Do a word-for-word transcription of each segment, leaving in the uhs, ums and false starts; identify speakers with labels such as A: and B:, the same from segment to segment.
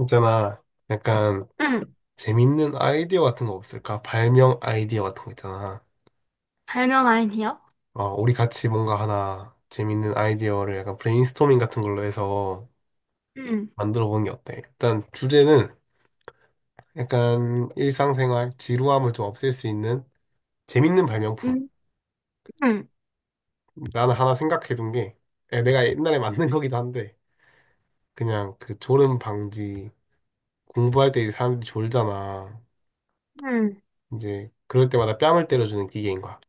A: 있잖아. 약간
B: 응,
A: 재밌는 아이디어 같은 거 없을까? 발명 아이디어 같은 거 있잖아.
B: 별명 아니요?
A: 어, 우리 같이 뭔가 하나 재밌는 아이디어를 약간 브레인스토밍 같은 걸로 해서
B: 응,
A: 만들어 보는 게 어때? 일단 주제는 약간 일상생활 지루함을 좀 없앨 수 있는 재밌는 발명품.
B: 응, 응,
A: 나는 하나 생각해 둔 게 에, 내가 옛날에 만든 거기도 한데 그냥 그 졸음 방지 공부할 때 이제 사람들이 졸잖아.
B: 응,
A: 이제 그럴 때마다 뺨을 때려주는 기계인 거야.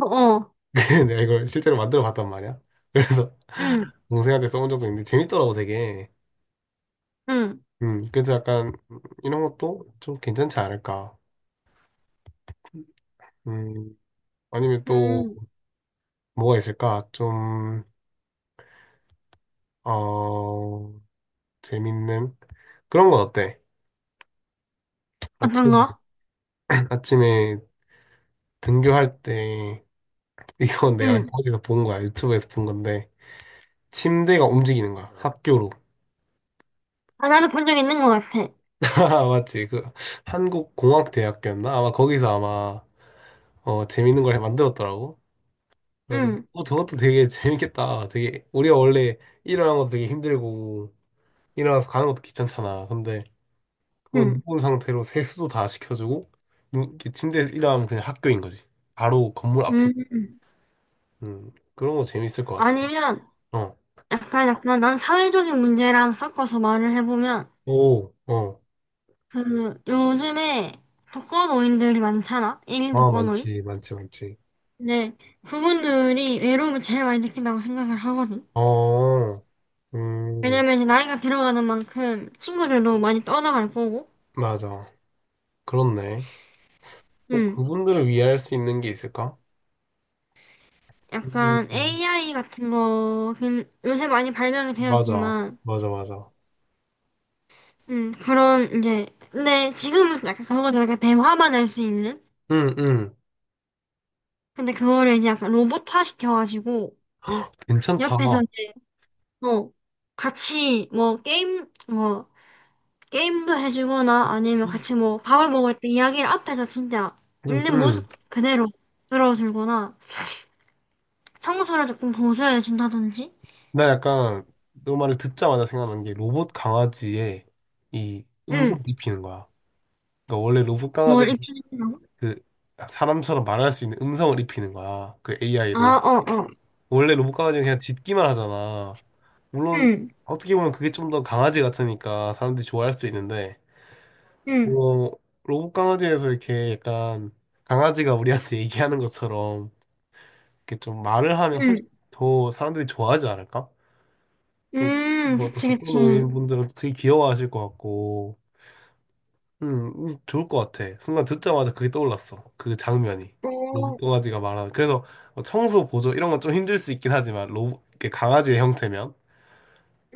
B: 어, 어,
A: 내가 이걸 실제로 만들어 봤단 말이야. 그래서
B: 응,
A: 동생한테 써본 적도 있는데 재밌더라고 되게.
B: 응,
A: 음, 그래서 약간 이런 것도 좀 괜찮지 않을까. 음, 아니면 또
B: 응,
A: 뭐가 있을까? 좀, 어, 재밌는 그런 건 어때?
B: 어떤
A: 아침,
B: 거?
A: 아침에 등교할 때 이건 내가
B: 응,
A: 어디서 본 거야. 유튜브에서 본 건데 침대가 움직이는 거야. 학교로.
B: 아, 나도 본 적 있는 것 같아.
A: 맞지? 그 한국공학대학교였나? 아마 거기서 아마 어, 재밌는 걸 만들었더라고. 그래서
B: 응,
A: 어 저것도 되게 재밌겠다. 되게 우리가 원래 일어나는 것도 되게 힘들고 일어나서 가는 것도 귀찮잖아. 근데 그건
B: 응,
A: 누운 상태로 세수도 다 시켜주고 누, 이렇게 침대에서 일어나면 그냥 학교인 거지. 바로 건물 앞인
B: 응,
A: 거지.
B: 응.
A: 음 그런 거 재밌을 것 같아.
B: 아니면,
A: 어.
B: 약간, 약간, 난 사회적인 문제랑 섞어서 말을 해보면,
A: 오. 어.
B: 그, 요즘에 독거노인들이 많잖아? 일 인
A: 아
B: 독거노인?
A: 많지 많지 많지.
B: 네, 그분들이 외로움을 제일 많이 느낀다고 생각을 하거든.
A: 어. 음
B: 왜냐면 이제 나이가 들어가는 만큼 친구들도 많이 떠나갈 거고,
A: 맞아. 그렇네. 뭐
B: 응.
A: 그분들을 위해 할 수 있는 게 있을까?
B: 약간
A: 음,
B: 에이아이 같은 거, 긴- 요새 많이 발명이
A: 맞아
B: 되었지만,
A: 맞아 맞아.
B: 음, 그런, 이제, 근데 지금은 약간 그거들 약간 대화만 할 수 있는?
A: 응 응.
B: 근데 그거를 이제 약간 로봇화 시켜가지고,
A: 괜찮다.
B: 옆에서 이제, 뭐 같이 뭐 게임, 뭐, 게임도 해주거나 아니면 같이 뭐 밥을 먹을 때 이야기를 앞에서 진짜
A: 응,
B: 있는 모습
A: 응.
B: 그대로 들어주거나, 청소를 조금 보조해준다든지,
A: 나 약간 너 말을 듣자마자 생각난 게 로봇 강아지에 이 음성을
B: 응,
A: 입히는 거야. 그러니까 원래 로봇 강아지
B: 뭘 입히는 거?
A: 그 사람처럼 말할 수 있는 음성을 입히는 거야. 그 에이아이로.
B: 아, 어, 어,
A: 원래 로봇 강아지는 그냥 짖기만 하잖아. 물론
B: 응,
A: 어떻게 보면 그게 좀 더 강아지 같으니까 사람들이 좋아할 수 있는데
B: 응,
A: 어, 로봇 강아지에서 이렇게 약간 강아지가 우리한테 얘기하는 것처럼 이렇게 좀 말을 하면
B: 응.
A: 훨씬 더 사람들이 좋아하지 않을까? 또,
B: 음,
A: 뭐, 또
B: 그치,
A: 독거노인
B: 그치.
A: 분들은 되게 귀여워하실 것 같고, 음, 음, 좋을 것 같아. 순간 듣자마자 그게 떠올랐어. 그 장면이. 로봇
B: 음,
A: 강아지가 말하는. 그래서 뭐 청소 보조 이런 건 좀 힘들 수 있긴 하지만, 로봇, 이렇게 강아지의 형태면.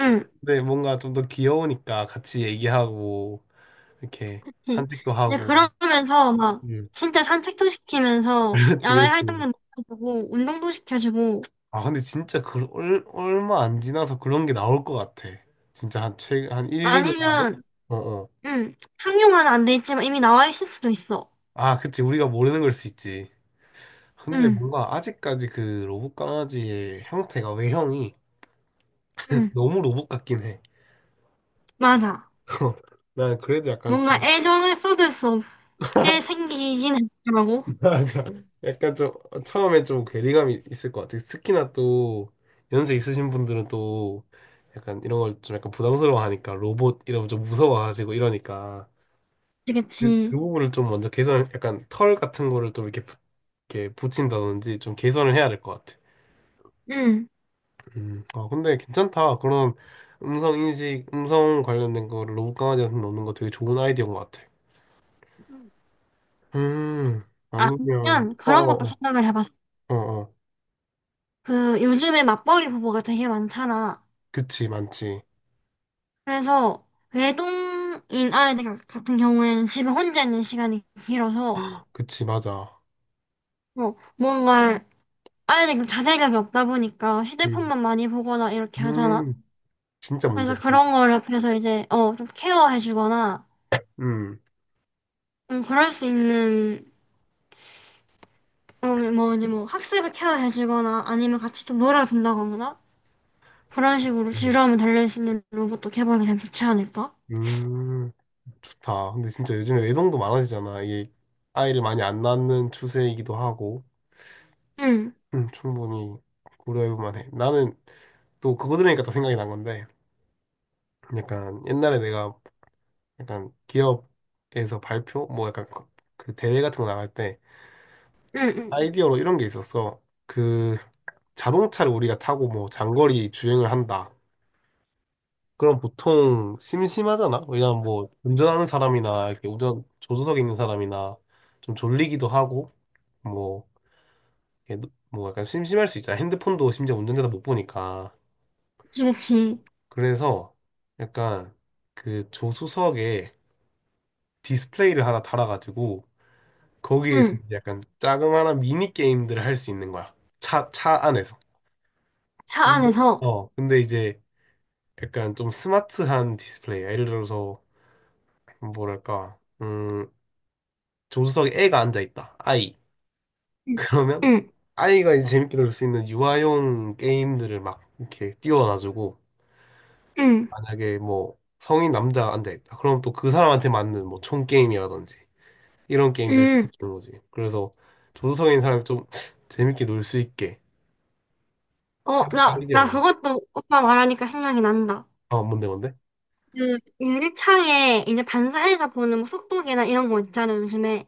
B: 응,
A: 근데 뭔가 좀 더 귀여우니까 같이 얘기하고, 이렇게
B: 그치.
A: 산책도
B: 이제
A: 하고.
B: 그러면서 막
A: 음,
B: 진짜 산책도 시키면서
A: 그렇지,
B: 야외
A: 그렇지.
B: 활동도 시켜주고 운동도 시켜주고
A: 아, 근데 진짜 그, 얼, 얼마 안 지나서 그런 게 나올 것 같아. 진짜 한 최, 한 일, 이 년 안에?
B: 아니면
A: 어, 어.
B: 응, 상용화는 안 돼 있지만 이미 나와 있을 수도 있어.
A: 아, 그치. 우리가 모르는 걸 수 있지. 근데
B: 응,
A: 뭔가 아직까지 그 로봇 강아지의 형태가 외형이
B: 응,
A: 너무 로봇 같긴 해.
B: 맞아.
A: 난 그래도 약간
B: 뭔가
A: 좀
B: 애정을 쏟을 수 없게 생기긴 했더라고.
A: 맞아. 약간 좀 처음에 좀 괴리감이 있을 것 같아. 특히나 또 연세 있으신 분들은 또 약간 이런 걸 좀 약간 부담스러워하니까 로봇 이러면 좀 무서워하시고 이러니까
B: 그치,
A: 그, 그
B: 그치.
A: 부분을 좀 먼저 개선, 약간 털 같은 거를 좀 이렇게, 부- 이렇게 붙인다든지 좀 개선을 해야 될 것 같아.
B: 응.
A: 음, 아, 근데 괜찮다. 그런 음성 인식, 음성 관련된 거 로봇 강아지한테 넣는 거 되게 좋은 아이디어인 것 같아.
B: 응.
A: 음, 아니면,
B: 아니면 그런 것도
A: 어어어,
B: 생각을 해봤어.
A: 어어,
B: 그 요즘에 맞벌이 부부가 되게 많잖아.
A: 그치, 많지.
B: 그래서 외동인 아이들 같- 같은 경우에는 집에 혼자 있는 시간이 길어서
A: 그치, 맞아.
B: 뭐 뭔가 아이들이 자제력이 없다 보니까
A: 음,
B: 휴대폰만 많이 보거나 이렇게 하잖아.
A: 음, 진짜
B: 그래서
A: 문제야.
B: 그런 걸 옆에서 이제 어 좀 케어해주거나
A: 음,
B: 좀 그럴 수 있는 어뭐 이제 뭐 학습을 케어해주거나 아니면 같이 좀 놀아준다거나 그런 식으로
A: 음,
B: 지루함을 달랠 수 있는 로봇도 개발이 되면 좋지 않을까?
A: 음, 좋다. 근데 진짜 요즘에 외동도 많아지잖아. 이게 아이를 많이 안 낳는 추세이기도 하고,
B: 응,
A: 음, 충분히 고려해볼 만해. 나는 또 그거 들으니까 또 생각이 난 건데, 약간 옛날에 내가 약간 기업에서 발표 뭐 약간 그- 그 대회 같은 거 나갈 때
B: 응, 응, 응.
A: 아이디어로 이런 게 있었어. 그 자동차를 우리가 타고 뭐 장거리 주행을 한다. 그럼 보통 심심하잖아. 왜냐면 뭐 운전하는 사람이나 이렇게 운전 조수석에 있는 사람이나 좀 졸리기도 하고 뭐 이렇게 뭐 약간 심심할 수 있잖아. 핸드폰도 심지어 운전자도 못 보니까.
B: 그렇지. 그치.
A: 그래서 약간 그 조수석에 디스플레이를 하나 달아가지고 거기에서
B: 응.
A: 약간 자그마한 미니 게임들을 할 수 있는 거야. 차, 차 안에서.
B: 차
A: 근데?
B: 안에서.
A: 어, 근데 이제 약간 좀 스마트한 디스플레이. 예를 들어서, 뭐랄까, 음, 조수석에 애가 앉아 있다. 아이.
B: 응,
A: 그러면
B: 응.
A: 아이가 이제 재밌게 놀 수 있는 유아용 게임들을 막 이렇게 띄워놔주고,
B: 응.
A: 만약에 뭐 성인 남자가 앉아 있다. 그럼 또 그 사람한테 맞는 뭐 총 게임이라든지 이런 게임들을
B: 음,
A: 주는 거지. 그래서 조수석에 있는 사람이 좀 재밌게 놀 수 있게 할
B: 어, 나, 나
A: 아이디어가
B: 그것도 오빠 말하니까 생각이 난다.
A: 어, 뭔데, 뭔데?
B: 그, 유리창에 이제 반사해서 보는 뭐 속도계나 이런 거 있잖아, 요즘에.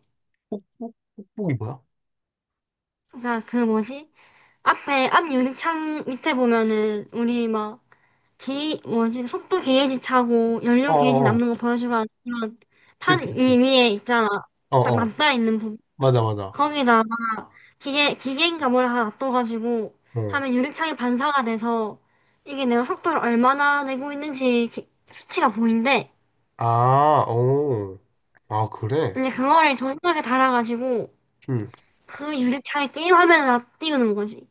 A: 뽁- 뽁뽁이 뭐야?
B: 그니까 그 뭐지? 앞에, 앞 유리창 밑에 보면은, 우리 막, 기, 뭐지? 속도 게이지 차고,
A: 어,
B: 연료 게이지
A: 어, 어.
B: 남는 거 보여주고 하는 그런 탄
A: 그치,
B: 위-
A: 그치.
B: 위에 있잖아.
A: 어,
B: 딱
A: 어.
B: 맞닿아 있는 부분.
A: 맞아, 맞아.
B: 거기다 기계, 기계인감을 하나 놔둬가지고
A: 어.
B: 하면 유리창에 반사가 돼서 이게 내가 속도를 얼마나 내고 있는지 기- 수치가 보인대.
A: 아, 어. 아, 그래?
B: 근데 그거를 조선하게 달아가지고
A: 응.
B: 그 유리창에 게임 화면을 다 띄우는 거지.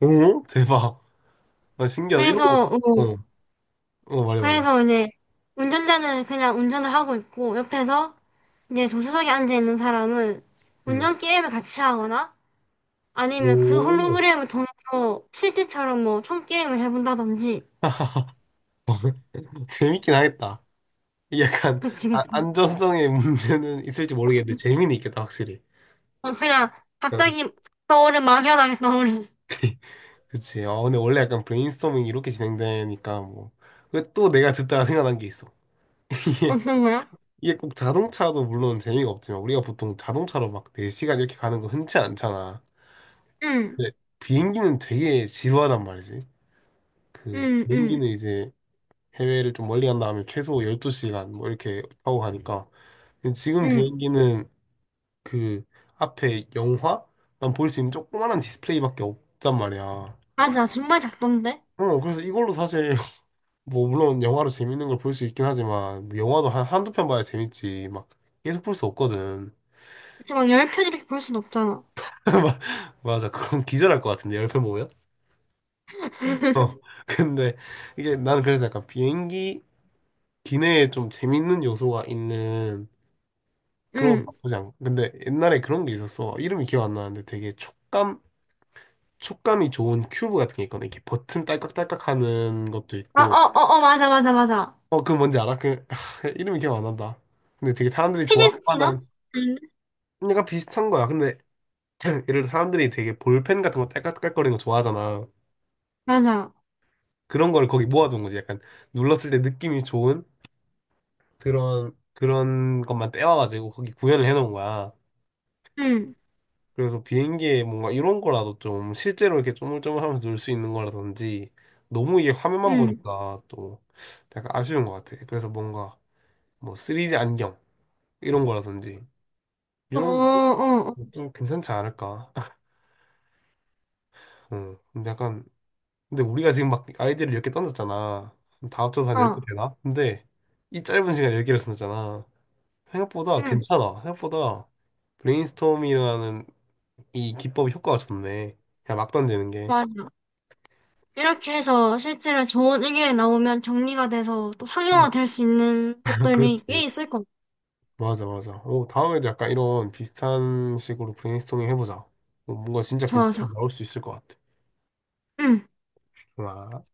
A: 오, 대박. 아, 신기하다. 이런
B: 그래서,
A: 거.
B: 어,
A: 어, 어, 말해, 말해.
B: 그래서 이제 운전자는 그냥 운전을 하고 있고 옆에서 이제 조수석에 앉아있는 사람은
A: 응.
B: 운전 게임을 같이 하거나 아니면 그
A: 오.
B: 홀로그램을 통해서 실제처럼 뭐 총 게임을 해본다든지.
A: 재밌긴 하겠다. 이게 약간,
B: 그치,
A: 아,
B: 그치.
A: 안전성의 문제는 있을지 모르겠는데, 재미는 있겠다, 확실히.
B: 어, 그냥
A: 어,
B: 갑자기 떠오른 막연하게 떠오른
A: 그치. 아, 근데 원래 약간 브레인스토밍 이렇게 진행되니까, 뭐. 왜 또 내가 듣다가 생각난 게 있어.
B: 어떤 거야?
A: 이게 꼭 자동차도 물론 재미가 없지만 우리가 보통 자동차로 막 네 시간 이렇게 가는 거 흔치 않잖아.
B: 응,
A: 근데 비행기는 되게 지루하단 말이지. 그
B: 응, 응,
A: 비행기는 이제 해외를 좀 멀리 간 다음에 최소 열두 시간 뭐 이렇게 타고 가니까. 근데 지금
B: 응.
A: 비행기는 그 앞에 영화만 볼 수 있는 조그만한 디스플레이밖에 없단 말이야.
B: 맞아, 정말 작던데?
A: 어, 그래서 이걸로 사실 뭐 물론 영화로 재밌는 걸 볼 수 있긴 하지만 뭐 영화도 한 한두 편 봐야 재밌지. 막 계속 볼 수 없거든.
B: 그치, 막 열편 이렇게 볼 순 없잖아.
A: 맞아. 그럼 기절할 것 같은데, 옆모 보면? 어. 근데 이게 나는 그래서 약간 비행기 기내에 좀 재밌는 요소가 있는 그런 거
B: 응.
A: 나쁘지 않고. 근데 옛날에 그런 게 있었어. 이름이 기억 안 나는데 되게 촉감, 촉감이 좋은 큐브 같은 게 있거든. 이렇게 버튼 딸깍딸깍 하는 것도
B: 아,
A: 있고.
B: 어, 어, 어, 맞아, 맞아, 맞아.
A: 어, 그 뭔지 알아? 그, 이름이 기억 안 난다. 근데 되게 사람들이
B: 피지
A: 좋아할
B: 스피너?
A: 만한
B: 응.
A: 약간 비슷한 거야. 근데 예를 들어 사람들이 되게 볼펜 같은 거 딸깍딸깍거리는 거 좋아하잖아.
B: 맞아.
A: 그런 걸 거기 모아둔 거지. 약간 눌렀을 때 느낌이 좋은 그런 그런 것만 떼와가지고 거기 구현을 해놓은 거야.
B: 응,
A: 그래서 비행기에 뭔가 이런 거라도 좀 실제로 이렇게 쪼물쪼물하면서 놀 수 있는 거라든지 너무 이게 화면만
B: 응.
A: 보니까 또 약간 아쉬운 것 같아. 그래서 뭔가 뭐 쓰리디 안경 이런 거라든지
B: 어,
A: 이런 것도
B: 어,
A: 좀 괜찮지 않을까? 응. 근데 약간 근데 우리가 지금 막 아이디를 열 개 던졌잖아. 다 합쳐서 한
B: 어,
A: 열 개
B: 어.
A: 되나? 근데 이 짧은 시간에 열 개를 썼잖아. 생각보다
B: 응,
A: 괜찮아. 생각보다 브레인스토밍이라는 이 기법이 효과가 좋네. 그냥 막 던지는 게.
B: 맞아. 이렇게 해서 실제로 좋은 의견이 나오면 정리가 돼서 또
A: 음.
B: 상용화 될 수 있는
A: 아,
B: 것들이 꽤
A: 그렇지.
B: 있을 것 같아.
A: 맞아, 맞아. 오, 다음에도 약간 이런 비슷한 식으로 브레인스토밍 해보자. 어, 뭔가 진짜
B: 좋아,
A: 괜찮게
B: 좋아.
A: 나올 수 있을 것 같아.
B: 응.
A: 좋아.